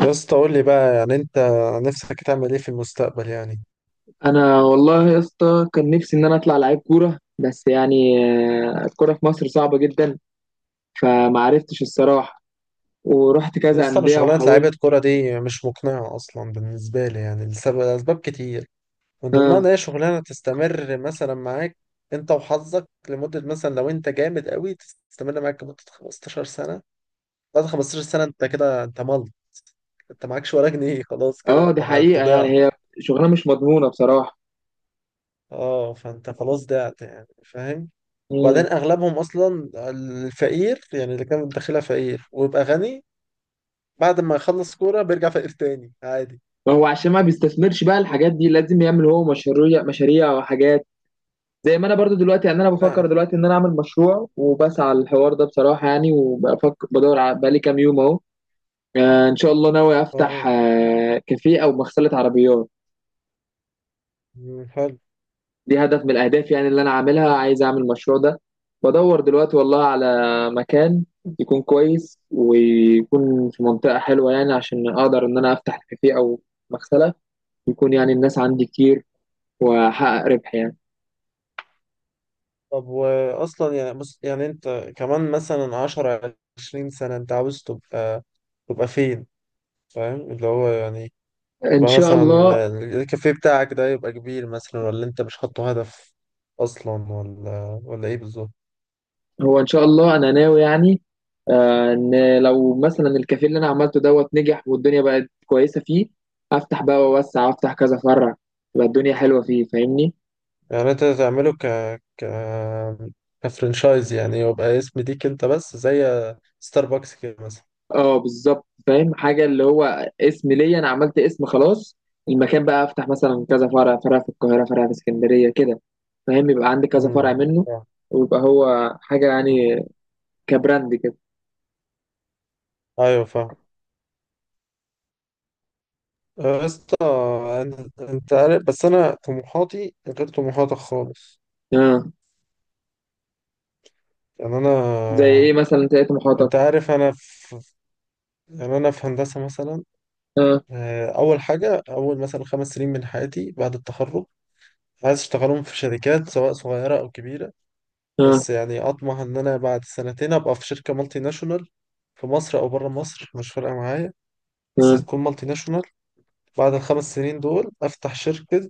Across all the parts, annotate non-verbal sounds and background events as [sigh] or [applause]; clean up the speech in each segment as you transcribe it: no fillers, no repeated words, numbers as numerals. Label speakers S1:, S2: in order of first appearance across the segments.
S1: يا اسطى، قول لي بقى يعني انت نفسك تعمل ايه في المستقبل يعني؟
S2: انا والله يا اسطى كان نفسي ان انا اطلع لعيب كوره، بس يعني الكوره في مصر صعبه جدا. فما عرفتش الصراحه، ورحت كذا
S1: لسه انا،
S2: انديه
S1: شغلانه لعيبه
S2: وحاولت.
S1: كوره دي مش مقنعه اصلا بالنسبه لي يعني، اسباب كتير، من ضمنها ان
S2: اه،
S1: هي شغلانه تستمر مثلا معاك انت وحظك لمده، مثلا لو انت جامد قوي تستمر معاك لمده 15 سنه. بعد 15 سنه انت كده، انت ملك، انت معكش ولا جنيه، خلاص كده
S2: اه
S1: انت
S2: دي
S1: انت
S2: حقيقه يعني،
S1: ضعت.
S2: هي شغلانه مش مضمونه بصراحه.
S1: اه، فانت خلاص ضعت يعني، فاهم.
S2: امم،
S1: وبعدين اغلبهم اصلا الفقير يعني، اللي كان داخلها فقير ويبقى غني، بعد ما يخلص كورة بيرجع فقير تاني عادي.
S2: ما هو عشان ما بيستثمرش بقى الحاجات دي، لازم يعمل هو مشاريع مشاريع وحاجات. زي ما انا برضو دلوقتي، يعني انا بفكر
S1: انا.
S2: دلوقتي ان انا اعمل مشروع وبسعى على الحوار ده بصراحه يعني، وبفكر بدور بقالي كام يوم اهو. ان شاء الله ناوي افتح
S1: اه.
S2: كافيه او مغسله عربيات.
S1: مم، حلو.
S2: دي هدف من الأهداف يعني اللي أنا عاملها، عايز أعمل المشروع ده. بدور دلوقتي والله على مكان يكون كويس ويكون في منطقة حلوة، يعني عشان أقدر إن أنا أفتح كافيه أو مغسلة، يكون يعني الناس عندي كتير وأحقق ربح يعني.
S1: طب واصلا يعني، بص يعني انت كمان مثلا عشرة عشرين سنة انت عاوز تبقى فين، فاهم اللي هو يعني؟
S2: إن
S1: يبقى
S2: شاء
S1: مثلا
S2: الله.
S1: الكافيه بتاعك ده يبقى كبير مثلا، ولا انت مش حاطه هدف اصلا، ولا ايه بالظبط؟
S2: هو إن شاء الله أنا ناوي إن لو مثلا الكافيه اللي أنا عملته دوت نجح والدنيا بقت كويسة فيه، أفتح بقى وأوسع وأفتح كذا فرع، تبقى الدنيا حلوة فيه فاهمني.
S1: يعني انت تعمله ك ك كفرنشايز يعني، يبقى اسم ليك انت بس زي ستاربكس كده مثلا.
S2: اه بالظبط فاهم حاجه، اللي هو اسم ليا، انا عملت اسم خلاص. المكان بقى افتح مثلا كذا فرع، فرع في القاهره فرع في اسكندريه كده، فاهم، يبقى عندي كذا فرع
S1: مم،
S2: منه،
S1: فاهم،
S2: ويبقى هو حاجه
S1: فاهم.
S2: يعني كبراند كده.
S1: ايوه فاهم. آه، يا اسطى، انت عارف، بس انا طموحاتي غير طموحاتك خالص
S2: اه،
S1: يعني انا.
S2: زي ايه مثلا تلاقي محاطك.
S1: انت عارف، انا في، يعني انا في هندسه مثلا.
S2: اه،
S1: آه، اول حاجه، اول مثلا 5 سنين من حياتي بعد التخرج، عايز اشتغلهم في شركات سواء صغيره او كبيره.
S2: اه،
S1: بس يعني اطمح ان انا بعد سنتين ابقى في شركه مالتي ناشونال، في مصر او بره مصر مش فارقه معايا، بس
S2: اه،
S1: تكون مالتي ناشونال. بعد الخمس سنين دول افتح شركه،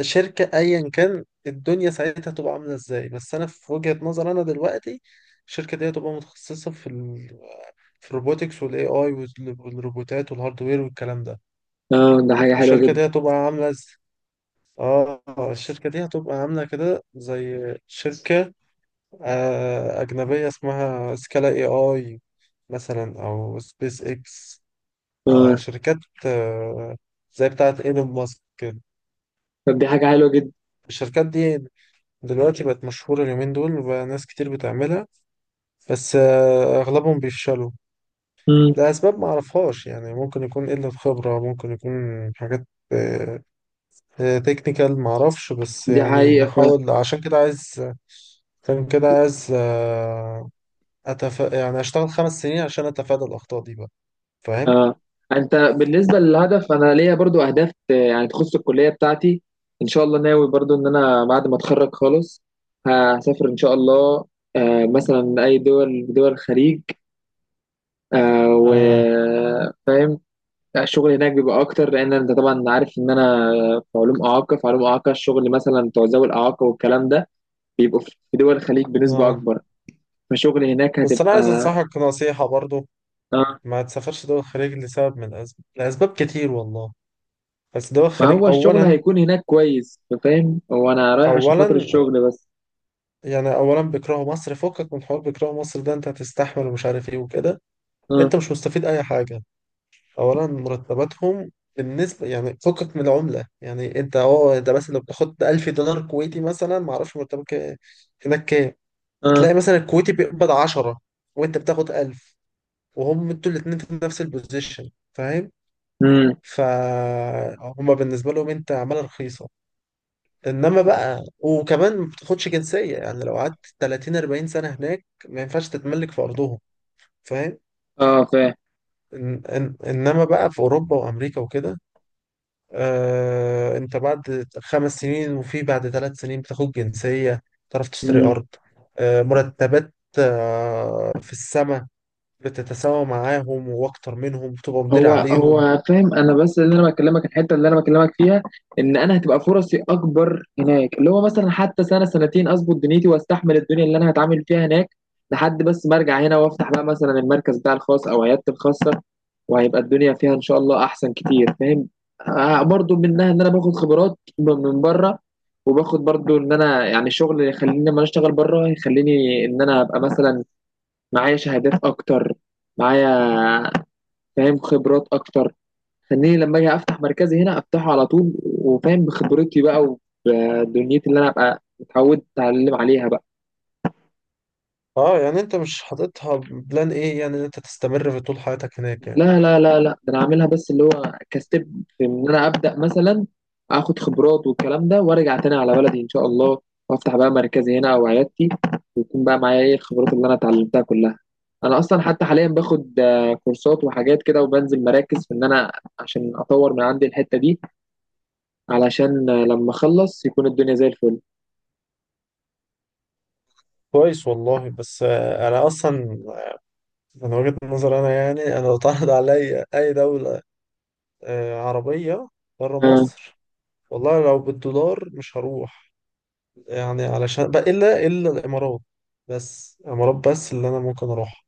S1: شركة أيا كان الدنيا ساعتها تبقى عاملة إزاي، بس أنا في وجهة نظر أنا دلوقتي، الشركة دي هتبقى متخصصة في ال، في الروبوتكس والاي اي والروبوتات والهاردوير والكلام ده.
S2: اه ده حاجه حلوه
S1: الشركة
S2: جدا.
S1: دي هتبقى عاملة ز... اه الشركة دي هتبقى عاملة كده زي شركة آه، أجنبية اسمها سكالا اي اي مثلا، أو سبيس اكس. آه،
S2: اه.
S1: شركات، آه، زي بتاعة ايلون ماسك كده.
S2: طب دي حاجه حلوه جدا.
S1: الشركات دي دلوقتي بقت مشهورة اليومين دول، وبقى ناس كتير بتعملها، بس آه، أغلبهم بيفشلوا
S2: امم.
S1: لأسباب معرفهاش يعني، ممكن يكون قلة خبرة، ممكن يكون حاجات تكنيكال معرفش، بس
S2: دي
S1: يعني
S2: حقيقه.
S1: نحاول. عشان كده عايز، عشان كده عايز آه، يعني أشتغل 5 سنين عشان أتفادى الأخطاء دي بقى، فاهم؟
S2: اه. انت بالنسبه للهدف، انا ليا برضو اهداف يعني تخص الكليه بتاعتي. ان شاء الله ناوي برضو ان انا بعد ما اتخرج خالص هسافر ان شاء الله، مثلا اي دول الخليج،
S1: آه،
S2: وفاهم الشغل هناك بيبقى اكتر، لان انت طبعا عارف ان انا في علوم اعاقه الشغل مثلا بتوع ذوي الاعاقه والكلام ده بيبقوا في دول الخليج بنسبه
S1: آه.
S2: اكبر، فشغل هناك
S1: بس أنا عايز
S2: هتبقى
S1: أنصحك نصيحة برضو،
S2: آه،
S1: ما تسافرش دول الخليج لسبب من الأسباب، لأسباب كتير والله، بس دول
S2: ما هو
S1: الخليج،
S2: الشغل
S1: أولا
S2: هيكون هناك كويس فاهم، هو انا رايح عشان خاطر
S1: أولا
S2: الشغل بس.
S1: يعني اولا بيكرهوا مصر، فكك من حوار بيكرهوا مصر ده، انت هتستحمل ومش عارف ايه وكده، انت
S2: اه.
S1: مش مستفيد اي حاجه. اولا مرتباتهم بالنسبه يعني، فكك من العمله يعني، انت اه، ده مثلا لو بتاخد 1000 دولار كويتي مثلا، ما اعرفش مرتبك هناك كام.
S2: اه.
S1: هتلاقي مثلا الكويتي بيقبض 10، وانت بتاخد 1000، وهم انتوا الاثنين في نفس البوزيشن، فاهم.
S2: امم.
S1: فهم بالنسبه لهم انت عماله رخيصه. انما بقى، وكمان ما بتاخدش جنسيه، يعني لو قعدت 30 40 سنه هناك ما ينفعش تتملك في ارضهم، فاهم.
S2: اه
S1: إن إن انما بقى في اوروبا وامريكا وكده، آه، انت بعد 5 سنين، وفي بعد 3 سنين بتاخد جنسيه، تعرف تشتري
S2: فاهم.
S1: ارض. آه، مرتبات آه، في السماء، بتتساوى معاهم واكتر منهم، بتبقى مدير
S2: هو
S1: عليهم.
S2: هو فاهم انا، بس اللي انا بكلمك الحته اللي انا بكلمك فيها، ان انا هتبقى فرصي اكبر هناك، اللي هو مثلا حتى سنه سنتين اظبط دنيتي واستحمل الدنيا اللي انا هتعامل فيها هناك، لحد بس ما ارجع هنا وافتح بقى مثلا المركز بتاع الخاص او عيادتي الخاصه، وهيبقى الدنيا فيها ان شاء الله احسن كتير فاهم. آه برضو منها ان انا باخد من بره، وباخد برضو ان انا يعني الشغل اللي يخليني لما أنا اشتغل بره يخليني ان انا ابقى مثلا معايا شهادات اكتر، معايا فاهم خبرات اكتر، خليني لما اجي افتح مركزي هنا افتحه على طول وفاهم بخبرتي بقى، وبدنيتي اللي انا ابقى اتعودت اتعلم عليها بقى.
S1: اه، يعني انت مش حاططها بلان ايه يعني، إن انت تستمر في طول حياتك هناك يعني؟
S2: لا لا لا لا، ده انا عاملها بس اللي هو كستيب، في ان انا ابدا مثلا اخد خبرات والكلام ده وارجع تاني على بلدي ان شاء الله، وافتح بقى مركزي هنا او عيادتي، ويكون بقى معايا ايه الخبرات اللي انا اتعلمتها كلها. انا اصلا حتى حاليا باخد كورسات وحاجات كده وبنزل مراكز، في ان انا عشان اطور من عندي الحتة دي، علشان لما اخلص يكون الدنيا زي الفل.
S1: كويس والله، بس آه، انا اصلا من وجهة نظر انا يعني، انا لو اتعرض عليا اي دولة آه، عربية بره مصر، والله لو بالدولار مش هروح، يعني علشان بقى الا الامارات. بس الامارات بس اللي انا ممكن اروحها،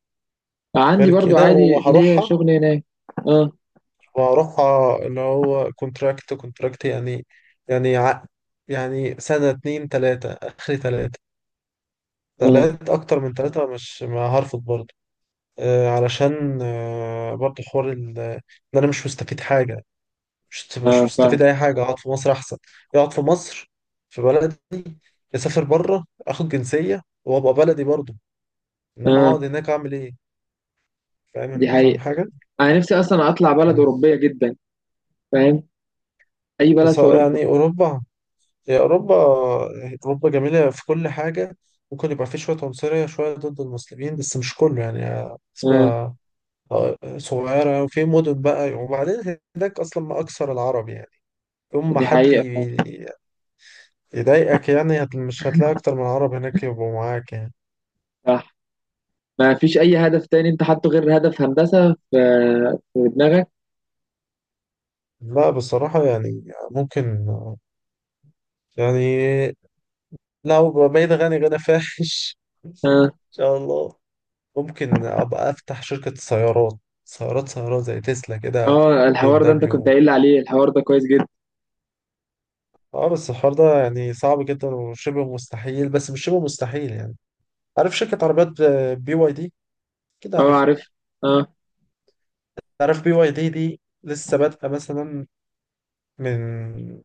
S2: عندي
S1: غير
S2: برضو
S1: كده
S2: عادي ليا
S1: وهروحها
S2: شغل هناك. اه.
S1: وهروحها اللي هو كونتراكت، كونتراكت يعني، يعني عقد، يعني سنة اتنين تلاتة اخري تلاتة
S2: اه.
S1: تلات اكتر من تلاتة، مش ما هرفض برضه. آه، علشان آه، برضه حوار ال- ان انا مش مستفيد حاجه، مش
S2: اه
S1: مش
S2: فاهم.
S1: مستفيد اي حاجه، اقعد في مصر احسن، اقعد في مصر في بلدي، اسافر بره اخد جنسيه وابقى بلدي برضه، انما
S2: اه.
S1: اقعد هناك اعمل ايه؟
S2: دي
S1: فاهم، فاهم
S2: حقيقة.
S1: حاجه.
S2: انا نفسي اصلا اطلع بلد
S1: يعني،
S2: اوروبية جدا فاهم، اي بلد
S1: بس
S2: في اوروبا.
S1: يعني اوروبا هي اوروبا، اوروبا جميله في كل حاجه، ممكن يبقى في شويه عنصريه شويه ضد المسلمين، بس مش كله يعني، نسبه
S2: اه
S1: آه، صغيره، وفي مدن بقى. وبعدين هناك اصلا ما اكثر العرب يعني، يوم ما
S2: دي
S1: حد
S2: حقيقة فاهم.
S1: يضايقك يعني، مش هتلاقي أكتر من عرب هناك يبقوا معاك يعني.
S2: صح. ما فيش اي هدف تاني انت حاطه غير هدف هندسة في في دماغك؟
S1: لا بصراحة يعني، ممكن يعني، لو بقيت غني غنى فاحش [laughs] إن
S2: اه.
S1: شاء الله، ممكن أبقى أفتح شركة سيارات، زي تسلا كده،
S2: اه
S1: بي ام
S2: الحوار ده انت كنت
S1: دبليو.
S2: قايل لي عليه، الحوار ده كويس جدا.
S1: اه بس الحوار ده يعني صعب جدا وشبه مستحيل، بس مش شبه مستحيل يعني، عارف شركة عربيات بي واي دي كده،
S2: اه
S1: عارف.
S2: عارف. اه.
S1: عارف بي واي دي دي لسه بادئة مثلا، من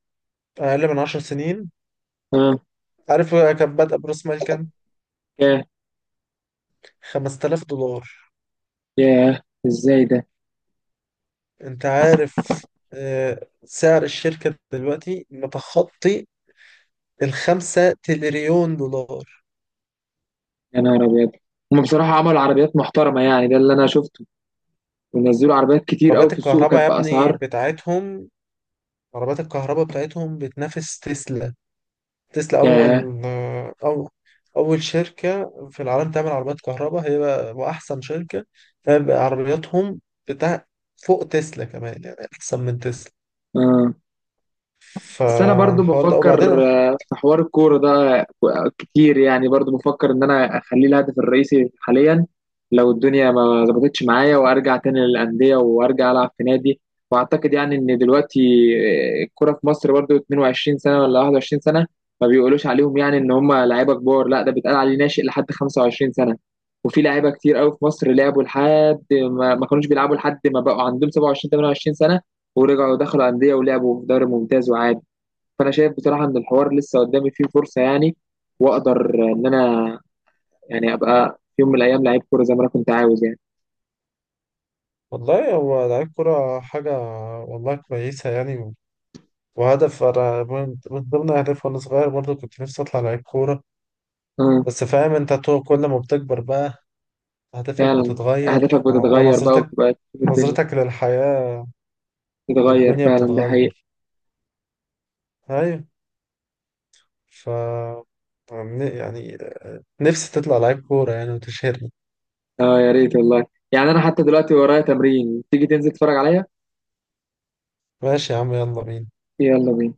S1: أقل من 10 سنين.
S2: اه.
S1: عارف كان بادئ برأس مال كام؟
S2: ياه.
S1: 5000 دولار.
S2: ياه، ازاي ده؟
S1: أنت عارف، آه، سعر الشركة دلوقتي متخطي الخمسة تريليون دولار.
S2: يا نهار ابيض. هما بصراحة عملوا عربيات محترمة يعني، ده اللي انا شفته، ونزلوا عربيات كتير قوي
S1: عربيات
S2: في السوق
S1: الكهرباء يا
S2: كانت
S1: ابني
S2: بأسعار.
S1: بتاعتهم، عربيات الكهرباء بتاعتهم بتنافس تسلا، تسلا
S2: ياه.
S1: أول آه، أو أول شركة في العالم تعمل عربيات كهرباء، هي وأحسن شركة، فبقى عربياتهم بتاع فوق تسلا كمان، يعني أحسن من تسلا.
S2: آه، بس انا برضو
S1: فالحوار ده وبعدين.
S2: بفكر في حوار الكوره ده كتير يعني، برضو بفكر ان انا اخليه الهدف الرئيسي حاليا، لو الدنيا ما ظبطتش معايا، وارجع تاني للانديه وارجع العب في نادي. واعتقد يعني ان دلوقتي الكوره في مصر برضو 22 سنه ولا 21 سنه ما بيقولوش عليهم يعني ان هم لعيبه كبار، لا ده بيتقال عليه ناشئ لحد 25 سنه. وفي لعيبه كتير قوي في مصر لعبوا لحد ما كانوش بيلعبوا لحد ما بقوا عندهم 27 28 سنه، ورجعوا دخلوا انديه ولعبوا في دوري ممتاز وعادي. فانا شايف بصراحه ان الحوار لسه قدامي فيه فرصه يعني، واقدر ان انا يعني ابقى في يوم من الايام لعيب كوره زي ما انا كنت عاوز يعني.
S1: والله هو لعيب كرة حاجة والله كويسة يعني، وهدف أنا من ضمن أهدافي وأنا صغير برضه، كنت نفسي أطلع لعيب كورة،
S2: اه
S1: بس فاهم أنت، كل ما بتكبر بقى أهدافك
S2: فعلا.
S1: بتتغير،
S2: اهدافك
S1: و-
S2: بتتغير بقى
S1: ونظرتك
S2: وبتبقى تشوف الدنيا
S1: نظرتك للحياة،
S2: بتتغير
S1: والدنيا
S2: فعلا، ده حقيقي.
S1: بتتغير. أيوة. ف يعني، نفسي تطلع لعيب كورة يعني وتشهرني.
S2: اه يا ريت والله، يعني انا حتى دلوقتي ورايا تمرين، تيجي تنزل تتفرج عليا.
S1: ماشي يا عم، يلا بينا.
S2: يلا بينا.